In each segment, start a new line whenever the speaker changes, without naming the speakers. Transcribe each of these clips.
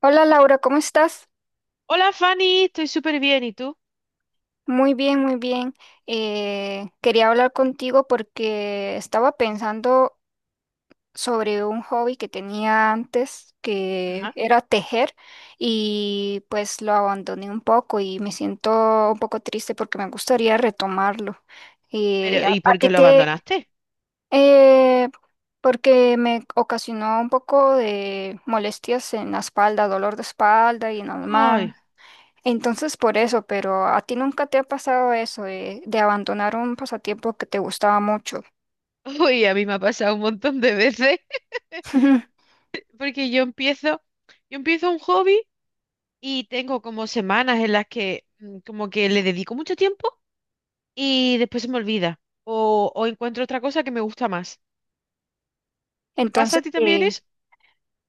Hola Laura, ¿cómo estás?
Hola Fanny, estoy súper bien. ¿Y tú?
Muy bien, muy bien. Quería hablar contigo porque estaba pensando sobre un hobby que tenía antes, que
Ajá.
era tejer, y pues lo abandoné un poco y me siento un poco triste porque me gustaría retomarlo.
Pero,
Eh, a,
¿y
a
por
ti,
qué
¿por
lo
qué? Te...
abandonaste?
eh, porque me ocasionó un poco de molestias en la espalda, dolor de espalda y en las manos.
Ay,
Entonces por eso, pero ¿a ti nunca te ha pasado eso de abandonar un pasatiempo que te gustaba mucho?
uy, a mí me ha pasado un montón de veces. Porque yo empiezo un hobby y tengo como semanas en las que como que le dedico mucho tiempo y después se me olvida. O encuentro otra cosa que me gusta más. ¿Te pasa
Entonces,
a ti también
eh,
eso?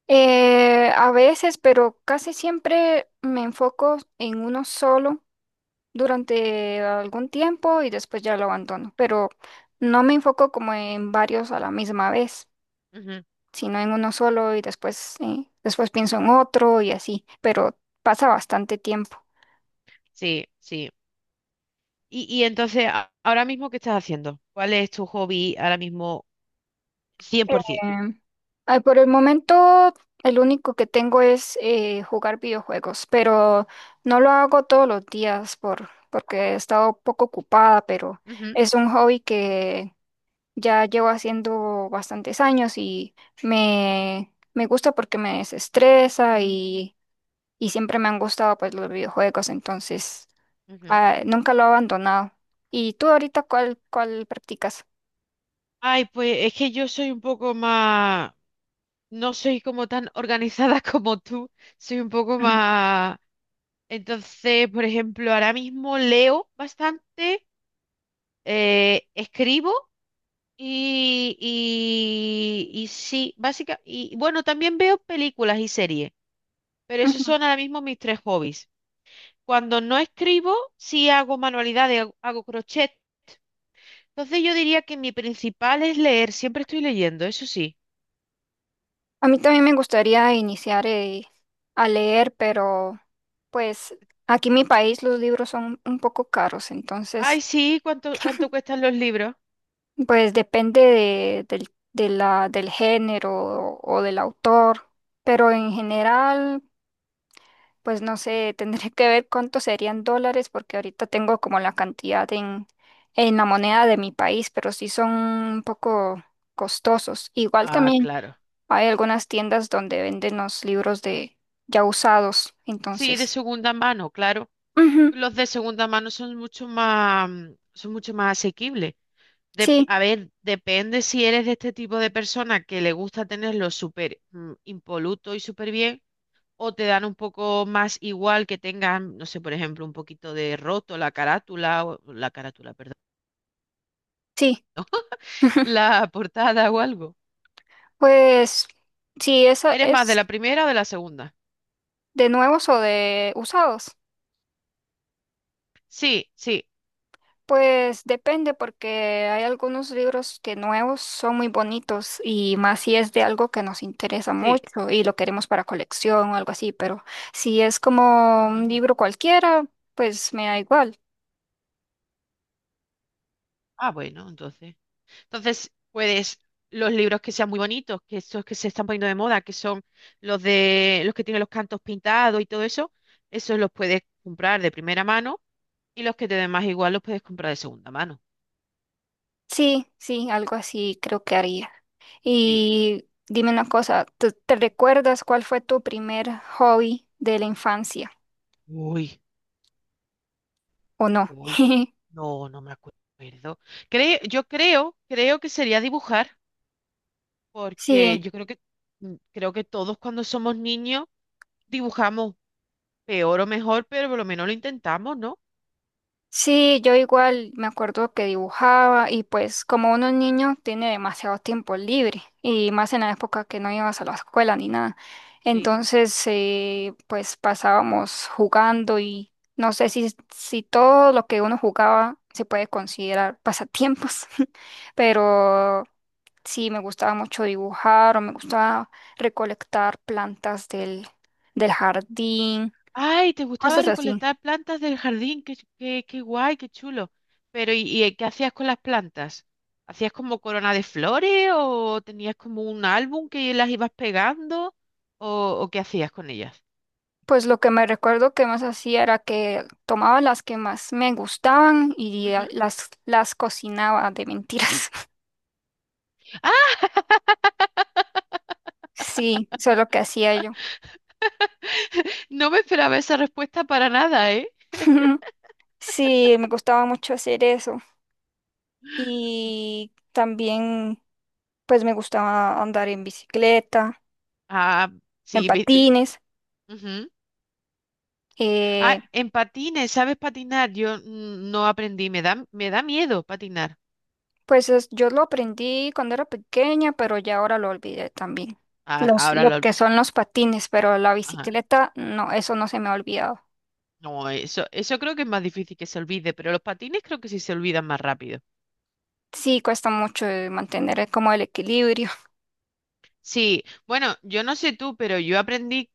eh, a veces, pero casi siempre me enfoco en uno solo durante algún tiempo y después ya lo abandono, pero no me enfoco como en varios a la misma vez,
Ujú.
sino en uno solo y después, después pienso en otro y así, pero pasa bastante tiempo.
Sí, sí. Y entonces, ahora mismo, ¿qué estás haciendo? ¿Cuál es tu hobby ahora mismo 100%?
Em, ay, por el momento, el único que tengo es jugar videojuegos, pero no lo hago todos los días porque he estado poco ocupada, pero
Ujú,
es un hobby que ya llevo haciendo bastantes años y me gusta porque me desestresa y siempre me han gustado pues los videojuegos, entonces
ujú.
nunca lo he abandonado. ¿Y tú ahorita cuál practicas?
Ay, pues es que yo soy un poco más, no soy como tan organizada como tú, soy un poco más... Entonces, por ejemplo, ahora mismo leo bastante, escribo y sí, básicamente, y bueno, también veo películas y series, pero esos
Ujú.
son ahora mismo mis tres hobbies. Cuando no escribo, sí hago manualidades, hago crochet. Entonces yo diría que mi principal es leer, siempre estoy leyendo, eso sí.
A mí también me gustaría iniciar a leer, pero pues aquí en mi país los libros son un poco caros, entonces
Ay, sí, ¿cuánto cuestan los libros?
pues depende de, del, de la, del género o del autor, pero en general pues no sé, tendré que ver cuántos serían dólares porque ahorita tengo como la cantidad en la moneda de mi país, pero sí son un poco costosos. Igual
Ah,
también.
claro.
Hay algunas tiendas donde venden los libros de ya usados,
Sí, de
entonces.
segunda mano, claro.
Ujú.
Los de segunda mano son mucho más, son mucho más asequibles.
Sí,
A ver, depende si eres de este tipo de persona que le gusta tenerlo súper impoluto y súper bien, o te dan un poco más igual que tengan, no sé, por ejemplo, un poquito de roto la carátula, o, la carátula, perdón,
sí.
la portada o algo.
Pues si esa
¿Eres más de
es
la primera o de la segunda?
de nuevos o de usados,
Sí, sí,
pues depende porque hay algunos libros que nuevos son muy bonitos y más si es de algo que nos interesa
sí.
mucho y lo queremos para colección o algo así, pero si es como un
Ujú.
libro cualquiera, pues me da igual.
Ah, bueno, entonces. Entonces, puedes los libros que sean muy bonitos, que esos que se están poniendo de moda, que son los de los que tienen los cantos pintados y todo eso, esos los puedes comprar de primera mano y los que te den más igual los puedes comprar de segunda mano.
Sí, sí, algo así creo que haría.
Sí.
Y dime una cosa, te recuerdas cuál fue tu primer hobby de la infancia
Uy,
o no?
uy. No, no me acuerdo. Creo que sería dibujar, porque
Sí,
yo creo que creo que todos cuando somos niños dibujamos peor o mejor, pero por lo menos lo intentamos, ¿no?
sí, yo igual me acuerdo que dibujaba y pues como uno es niño tiene demasiado tiempo libre y más en la época que no ibas a la escuela ni nada. Entonces, pues pasábamos jugando y no sé si todo lo que uno jugaba se puede considerar pasatiempos, pero sí, me gustaba mucho dibujar o me gustaba recolectar plantas del jardín,
Ay, te gustaba
cosas así.
recolectar plantas del jardín, qué, qué, qué guay, qué chulo. Pero, ¿y qué hacías con las plantas? ¿Hacías como corona de flores o tenías como un álbum que las ibas pegando o, o qué hacías con ellas?
Pues lo que me recuerdo que más hacía era que tomaba las que más me gustaban y
Ujú.
las cocinaba de mentiras.
¡Ah!
Sí, eso es lo que hacía yo.
No me esperaba esa respuesta para nada, ¿eh?
Sí, me gustaba mucho hacer eso. Y también, pues me gustaba andar en bicicleta,
Ah,
en sí,
sí.
patines.
Ujú.
eh,
Ah, en patines, ¿sabes patinar? Yo no aprendí, me da miedo patinar.
Pues yo lo aprendí cuando era pequeña, pero ya ahora lo olvidé también.
Ah, ahora
Lo
lo...
que son los patines, pero la
Ajá.
bicicleta, no, eso no se me ha olvidado.
No, eso creo que es más difícil que se olvide, pero los patines creo que sí se olvidan más rápido.
Sí, cuesta mucho mantener como el equilibrio.
Sí, bueno, yo no sé tú, pero yo aprendí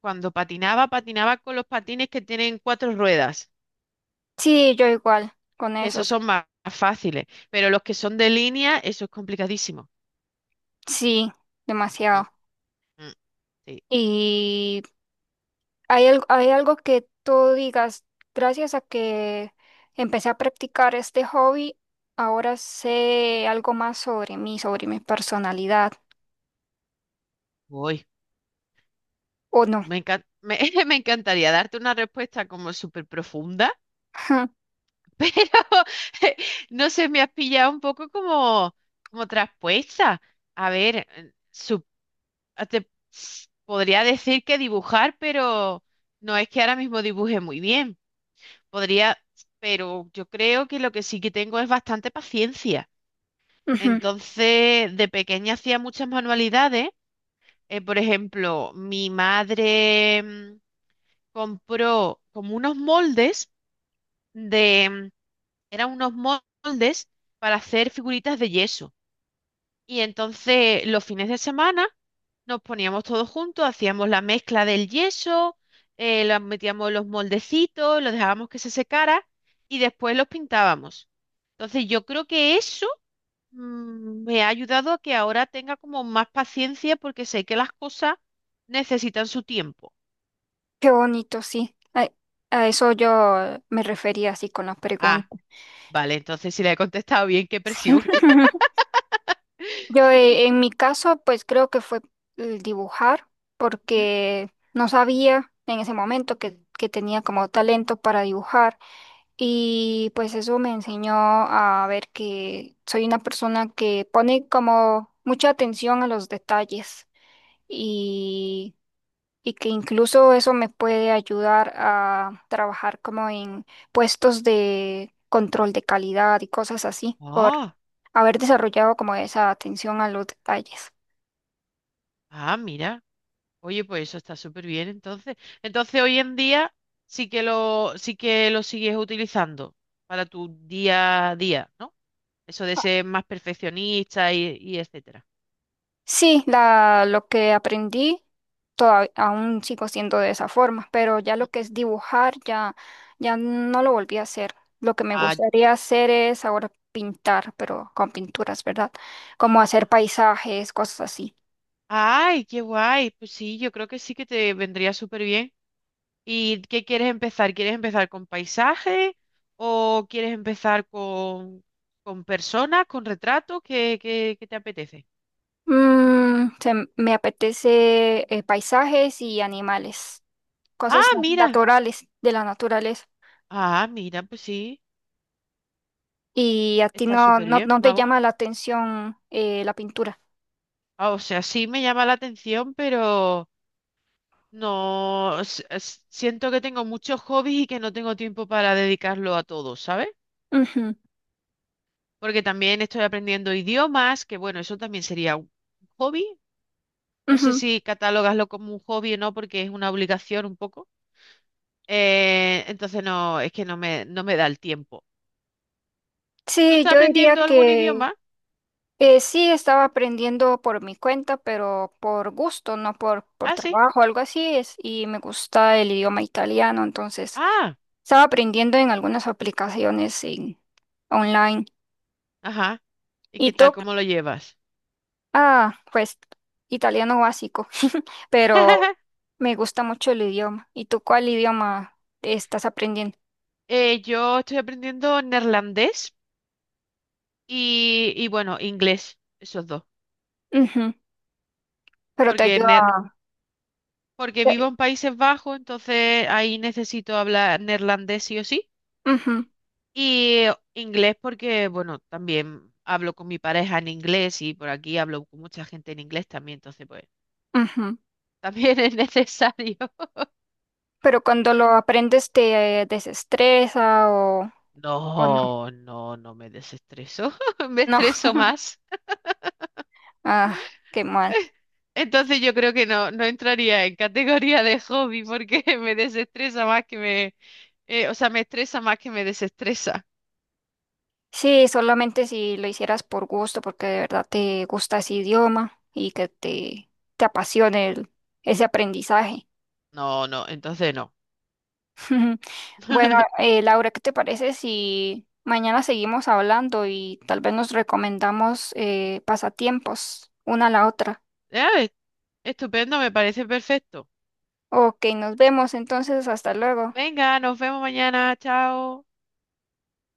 cuando patinaba, patinaba con los patines que tienen cuatro ruedas,
Sí, yo igual con
que esos
esos.
son más, fáciles, pero los que son de línea, eso es complicadísimo.
Sí,
Mm,
demasiado.
mm, sí,
Y hay, hay algo que tú digas, gracias a que empecé a practicar este hobby, ahora sé algo más sobre mí, sobre mi personalidad,
voy.
¿o no?
Me encan- me, me encantaría darte una respuesta como súper profunda, pero no sé, me has pillado un poco como, como traspuesta. A ver, te podría decir que dibujar, pero no es que ahora mismo dibuje muy bien. Podría, pero yo creo que lo que sí que tengo es bastante paciencia.
Ujú.
Entonces, de pequeña hacía muchas manualidades. Por ejemplo, mi madre compró como unos moldes de, eran unos moldes para hacer figuritas de yeso. Y entonces, los fines de semana nos poníamos todos juntos, hacíamos la mezcla del yeso, la metíamos en los moldecitos, lo dejábamos que se secara y después los pintábamos. Entonces yo creo que eso me ha ayudado a que ahora tenga como más paciencia porque sé que las cosas necesitan su tiempo.
Qué bonito, sí. A eso yo me refería así con la
Ah,
pregunta.
vale, entonces si le he contestado bien, qué
Sí.
presión.
Yo en mi caso, pues creo que fue el dibujar,
Ujú.
porque no sabía en ese momento que tenía como talento para dibujar y pues eso me enseñó a ver que soy una persona que pone como mucha atención a los detalles y y que incluso eso me puede ayudar a trabajar como en puestos de control de calidad y cosas así, por
Ah,
haber desarrollado como esa atención a los detalles.
ah, mira. Oye, pues eso está súper bien entonces. Entonces hoy en día sí que lo sigues utilizando para tu día a día, ¿no? Eso de
Ah,
ser más perfeccionista y etcétera.
Sí, lo que aprendí todavía, aún sigo siendo de esa forma, pero ya
Mm.
lo que es dibujar ya, ya no lo volví a hacer. Lo que me
Ah,
gustaría hacer es ahora pintar, pero con pinturas, ¿verdad? Como hacer paisajes, cosas así.
ay, qué guay. Pues sí, yo creo que sí que te vendría súper bien. ¿Y qué quieres empezar? ¿Quieres empezar con paisaje o quieres empezar con personas, con retratos? ¿ Qué te apetece?
Me apetece paisajes y
Sí.
animales,
Ah,
cosas
mira.
naturales, de la naturaleza.
Ah, mira, pues sí,
¿Y a ti
está súper bien,
no te
vamos.
llama la atención la pintura?
Ah, o sea, sí me llama la atención, pero no s- s- siento que tengo muchos hobbies y que no tengo tiempo para dedicarlo a todos, ¿sabes? Porque también estoy aprendiendo idiomas, que bueno, eso también sería un hobby. No
Ujú,
sé
ujú.
si catalogaslo como un hobby o no, porque es una obligación un poco. Entonces no, es que no me da el tiempo. ¿Tú
Sí,
estás
yo diría
aprendiendo algún
que
idioma?
sí estaba aprendiendo por mi cuenta, pero por gusto, no por
Ah, sí.
trabajo, algo así es. Y me gusta el idioma italiano, entonces
Ah,
estaba aprendiendo en algunas aplicaciones online.
ajá. ¿Y
¿Y
qué tal?
tú
¿Cómo lo llevas?
ah, pues italiano básico, pero me gusta mucho el idioma. ¿Y tú cuál idioma estás aprendiendo?
Yo estoy aprendiendo neerlandés. Y bueno, inglés, esos dos.
Ujú. Pero te
Porque,
ayuda.
porque vivo
te-
en Países Bajos, entonces ahí necesito hablar neerlandés sí o sí.
Ujú,
Y inglés porque, bueno, también hablo con mi pareja en inglés y por aquí hablo con mucha gente en inglés también, entonces pues
ujú.
también es necesario.
Pero cuando lo aprendes te desestresa o no.
No, no, no me desestreso, me
No,
estreso más.
ah, qué mal.
Entonces yo creo que no, no entraría en categoría de hobby porque me desestresa más que me, eh, o sea, me estresa más que me desestresa.
Sí, solamente si lo hicieras por gusto, porque de verdad te gusta ese idioma y que te apasione ese aprendizaje.
No, no, entonces no.
Bueno, Laura, ¿qué te parece si mañana seguimos hablando y tal vez nos recomendamos pasatiempos una a la otra?
Ya, es- Estupendo, me parece perfecto.
Ok, nos vemos entonces, hasta luego.
Venga, nos vemos mañana, chao.